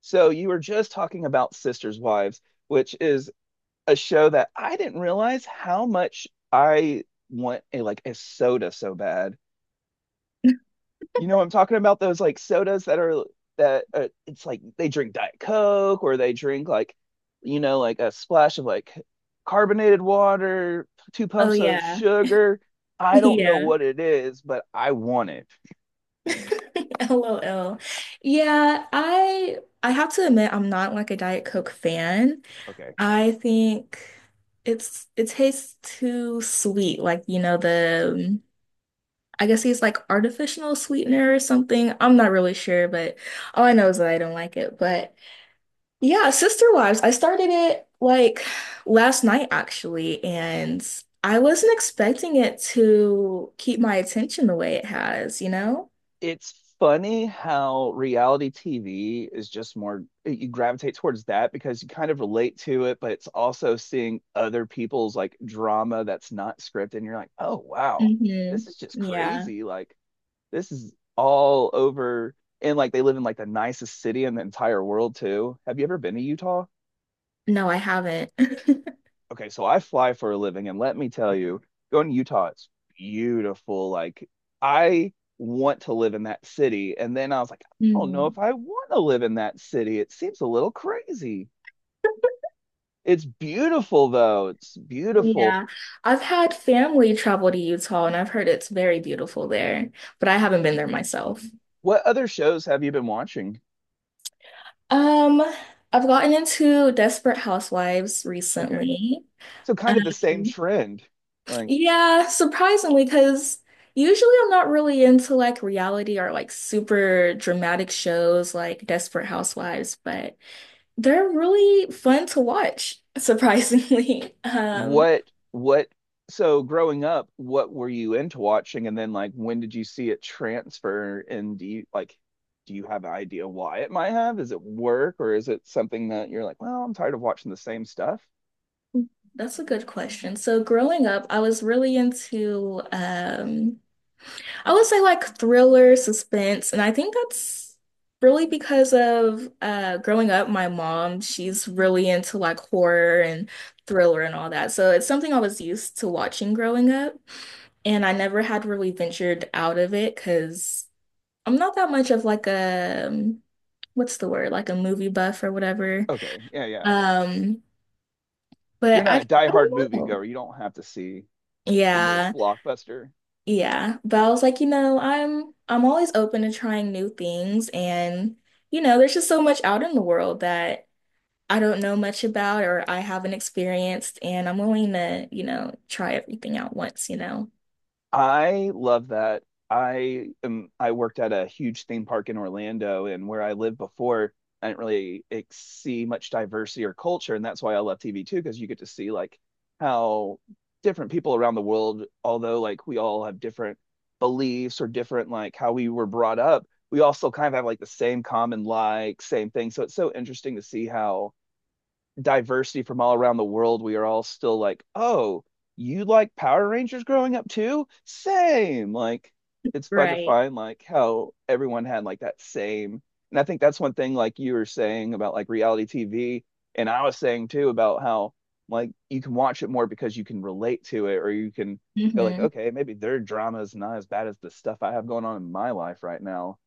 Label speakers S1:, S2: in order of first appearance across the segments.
S1: So you were just talking about Sisters Wives, which is a show that I didn't realize how much I want a like a soda so bad. You know, I'm talking about those like sodas that are that it's like they drink Diet Coke or they drink like you know like a splash of like carbonated water, two
S2: Oh
S1: pumps of
S2: yeah.
S1: sugar. I don't know
S2: Yeah.
S1: what it is, but I want it.
S2: LOL. Yeah, I have to admit I'm not like a Diet Coke fan.
S1: Okay.
S2: I think it tastes too sweet, like you know the I guess it's like artificial sweetener or something. I'm not really sure, but all I know is that I don't like it. But yeah, Sister Wives, I started it like last night actually, and I wasn't expecting it to keep my attention the way it has, you know?
S1: It's funny how reality TV is just more, you gravitate towards that because you kind of relate to it, but it's also seeing other people's like drama that's not scripted. And you're like, oh, wow, this
S2: Hmm.
S1: is just
S2: Yeah.
S1: crazy. Like, this is all over. And like, they live in like the nicest city in the entire world, too. Have you ever been to Utah?
S2: No, I haven't.
S1: Okay, so I fly for a living, and let me tell you, going to Utah, it's beautiful. Like I want to live in that city, and then I was like, I don't know
S2: Mm.
S1: if I want to live in that city. It seems a little crazy. It's beautiful though. It's beautiful.
S2: Yeah. I've had family travel to Utah and I've heard it's very beautiful there, but I haven't been there myself.
S1: What other shows have you been watching?
S2: Um, I've gotten into Desperate Housewives
S1: Okay,
S2: recently.
S1: so kind of the same
S2: Um,
S1: trend. Like
S2: yeah, surprisingly, because usually I'm not really into like reality or like super dramatic shows like Desperate Housewives, but they're really fun to watch, surprisingly.
S1: what so growing up, what were you into watching? And then like when did you see it transfer? And do you like do you have an idea why it might have? Is it work or is it something that you're like, well, I'm tired of watching the same stuff?
S2: That's a good question. So growing up, I was really into I would say like thriller, suspense, and I think that's really because of growing up, my mom, she's really into like horror and thriller and all that. So it's something I was used to watching growing up, and I never had really ventured out of it because I'm not that much of like a what's the word? Like a movie buff or whatever.
S1: Okay, yeah, yeah.
S2: Um,
S1: You're
S2: but I
S1: not
S2: I
S1: a diehard
S2: don't know.
S1: moviegoer. You don't have to see the newest
S2: Yeah.
S1: blockbuster.
S2: Yeah, but I was like, I'm always open to trying new things and there's just so much out in the world that I don't know much about or I haven't experienced and I'm willing to try everything out once.
S1: I love that. I am, I worked at a huge theme park in Orlando, and where I lived before, I didn't really see much diversity or culture, and that's why I love TV too, because you get to see like how different people around the world, although like we all have different beliefs or different like how we were brought up, we all still kind of have like the same common like same thing. So it's so interesting to see how diversity from all around the world, we are all still like, oh, you like Power Rangers growing up too? Same. Like, it's fun to
S2: Right.
S1: find like how everyone had like that same. And I think that's one thing like you were saying about like reality TV, and I was saying too about how like you can watch it more because you can relate to it, or you can go like,
S2: Hmm.
S1: okay, maybe their drama is not as bad as the stuff I have going on in my life right now.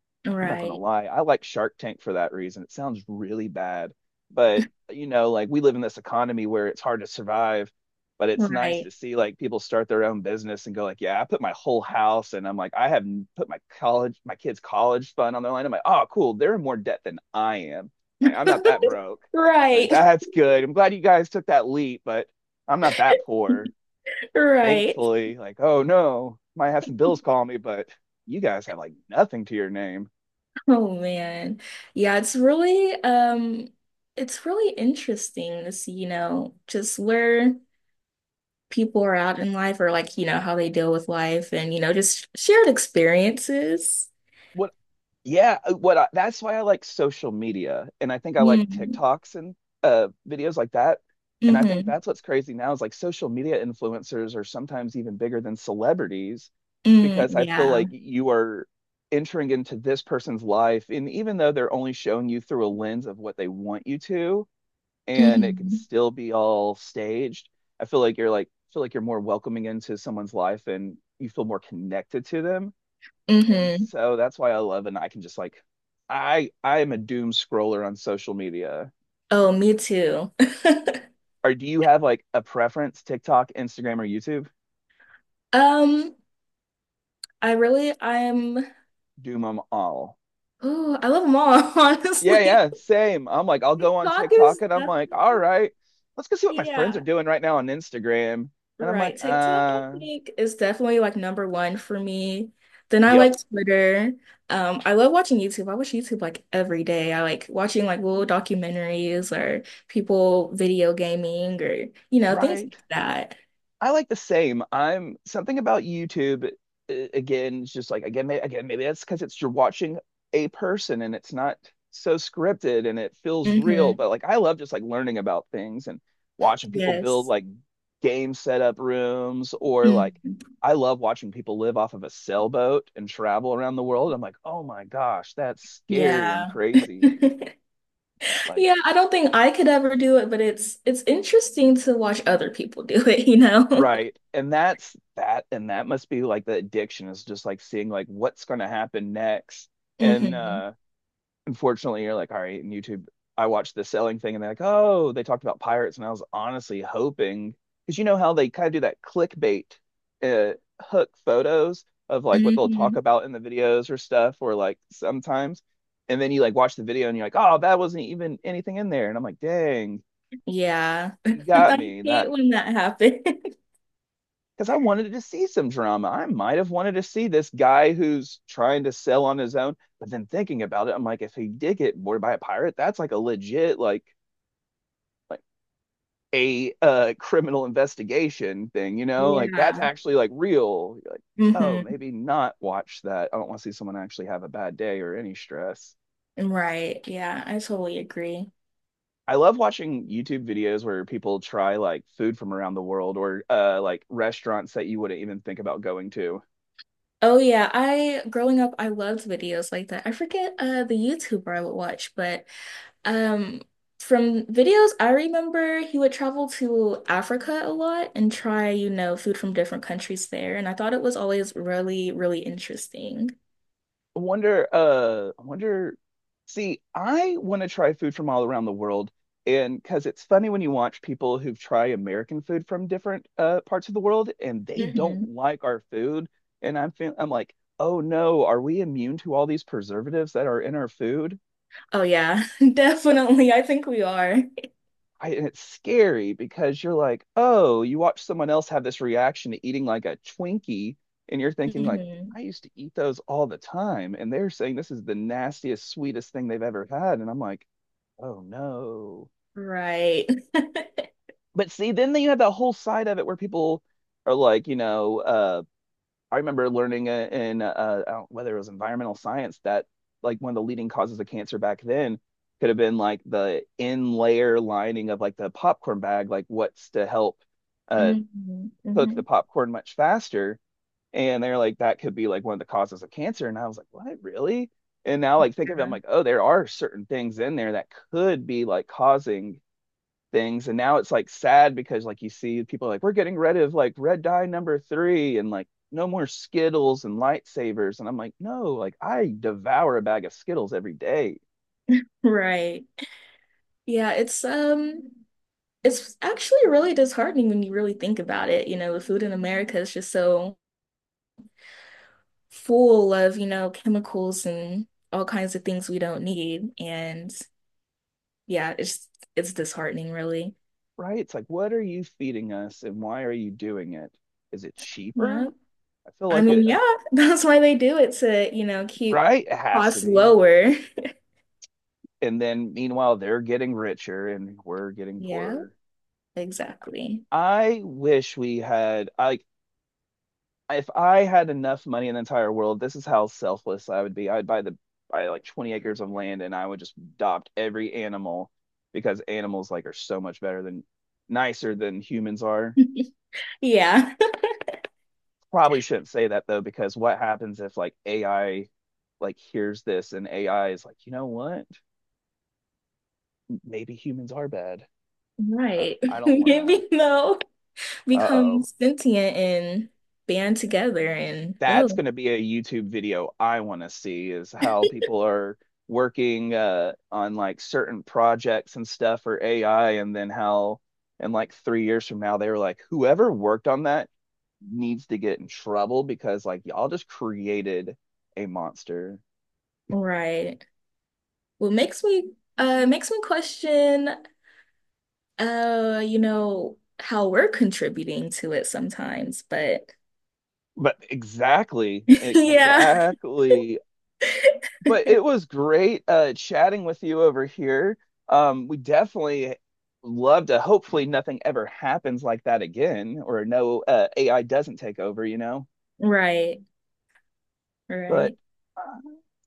S1: I'm not gonna
S2: Right.
S1: lie, I like Shark Tank for that reason. It sounds really bad, but you know, like we live in this economy where it's hard to survive, but it's nice to
S2: Right.
S1: see like people start their own business and go like, yeah, I put my whole house and I'm like, I have put my college, my kids' college fund on their line. I'm like, oh, cool. They're in more debt than I am. Like, I'm not that broke. Like
S2: Right.
S1: that's good. I'm glad you guys took that leap, but I'm not that poor.
S2: Right.
S1: Thankfully, like, oh no, might have some bills call me, but you guys have like nothing to your name.
S2: Oh man. Yeah, it's really interesting to see, just where people are out in life or like how they deal with life and just shared experiences.
S1: what yeah, what I, that's why I like social media and I think I like
S2: Mm,
S1: TikToks and videos like that. And I think
S2: mm-hmm.
S1: that's what's crazy now is like social media influencers are sometimes even bigger than celebrities
S2: Mm,
S1: because I feel
S2: yeah.
S1: like you are entering into this person's life and even though they're only showing you through a lens of what they want you to and it can
S2: Mm-hmm.
S1: still be all staged, I feel like you're like feel like you're more welcoming into someone's life and you feel more connected to them and
S2: Mm-hmm.
S1: so that's why I love and I can just like I am a doom scroller on social media.
S2: Oh, me too.
S1: Or do you have like a preference, TikTok, Instagram, or YouTube?
S2: Um, I really, I'm,
S1: Doom them all.
S2: oh, I love them all,
S1: Yeah,
S2: honestly.
S1: yeah, same. I'm like, I'll go on
S2: TikTok is
S1: TikTok and I'm like, all
S2: definitely,
S1: right, let's go see what my friends are
S2: yeah.
S1: doing right now on Instagram. And I'm
S2: Right.
S1: like,
S2: TikTok, I think, is definitely like number one for me. Then I
S1: yep,
S2: like Twitter. I love watching YouTube. I watch YouTube like every day. I like watching like little documentaries or people video gaming or things
S1: right.
S2: like that.
S1: I like the same. I'm something about YouTube again, it's just like again, maybe that's because it's you're watching a person and it's not so scripted and it feels real.
S2: Hmm.
S1: But like I love just like learning about things and watching people build
S2: Yes.
S1: like game setup rooms or like
S2: Mhm.
S1: I love watching people live off of a sailboat and travel around the world. I'm like, oh my gosh, that's scary and
S2: Yeah.
S1: crazy. Like
S2: Yeah, I don't think I could ever do it, but it's interesting to watch other people do it, you know?
S1: right. And that's that and that must be like the addiction is just like seeing like what's going to happen next. And
S2: Hmm.
S1: unfortunately you're like all right, and YouTube I watched the selling thing and they're like, "Oh, they talked about pirates." And I was honestly hoping cuz you know how they kind of do that clickbait uh hook photos of like what they'll talk
S2: Hmm.
S1: about in the videos or stuff or like sometimes and then you like watch the video and you're like, "Oh, that wasn't even anything in there." And I'm like, "Dang,
S2: Yeah.
S1: you got
S2: I
S1: me." That
S2: hate when that happens.
S1: because I wanted to see some drama. I might have wanted to see this guy who's trying to sell on his own, but then thinking about it, I'm like, if he did get boarded by a pirate, that's like a legit like a criminal investigation thing, you know? Like that's
S2: Yeah.
S1: actually like real. You're like, oh,
S2: Hmm.
S1: maybe not watch that. I don't want to see someone actually have a bad day or any stress.
S2: Right. Yeah, I totally agree.
S1: I love watching YouTube videos where people try like food from around the world or like restaurants that you wouldn't even think about going to.
S2: Oh yeah, I growing up I loved videos like that. I forget the YouTuber I would watch, but um from videos I remember he would travel to Africa a lot and try food from different countries there, and I thought it was always really, really interesting.
S1: I wonder, see, I want to try food from all around the world. And because it's funny when you watch people who try American food from different parts of the world and they don't
S2: Hmm.
S1: like our food. And I'm, feel, I'm like, oh no, are we immune to all these preservatives that are in our food?
S2: Oh yeah, definitely. I think we are.
S1: I, and it's scary because you're like, oh, you watch someone else have this reaction to eating like a Twinkie, and you're thinking like,
S2: Hmm.
S1: I used to eat those all the time, and they're saying this is the nastiest, sweetest thing they've ever had, and I'm like, oh no.
S2: Right.
S1: But see, then you have that whole side of it where people are like, you know, I remember learning in whether it was environmental science that like one of the leading causes of cancer back then could have been like the in layer lining of like the popcorn bag, like what's to help uh,
S2: Hmm.
S1: cook the
S2: Hmm.
S1: popcorn much faster. And they're like, that could be like one of the causes of cancer. And I was like, what, really? And now, like, think of it, I'm like, oh, there are certain things in there that could be like causing things and now it's like sad because like you see people like we're getting rid of like red dye number three and like no more skittles and lightsabers and I'm like no like I devour a bag of skittles every day
S2: Right. Yeah, it's actually really disheartening when you really think about it. The food in America is just so full of chemicals and all kinds of things we don't need. And yeah, it's disheartening really.
S1: right it's like what are you feeding us and why are you doing it is it cheaper
S2: Yeah.
S1: I feel
S2: I
S1: like
S2: mean,
S1: it
S2: yeah, that's why they do it to keep
S1: right it has to
S2: costs
S1: be
S2: lower.
S1: and then meanwhile they're getting richer and we're getting
S2: Yeah,
S1: poorer
S2: exactly.
S1: I wish we had like if I had enough money in the entire world, this is how selfless I would be. I'd buy the buy like 20 acres of land and I would just adopt every animal because animals like are so much better than nicer than humans are.
S2: Yeah.
S1: Probably shouldn't say that though, because what happens if like AI like hears this and AI is like, you know what? Maybe humans are bad.
S2: Right.
S1: I don't want to.
S2: Maybe they'll become
S1: Uh-oh.
S2: sentient and band together and
S1: That's
S2: oh.
S1: going to be a YouTube video I want to see is how people are working on like certain projects and stuff for AI, and then how in like 3 years from now they were like, whoever worked on that needs to get in trouble because like y'all just created a monster.
S2: Right. Well, makes me question you know how we're contributing to it sometimes, but
S1: But exactly,
S2: yeah.
S1: exactly. But it was great chatting with you over here. We definitely love to. Hopefully, nothing ever happens like that again, or no AI doesn't take over. You know,
S2: Right.
S1: but.
S2: Right.
S1: uh,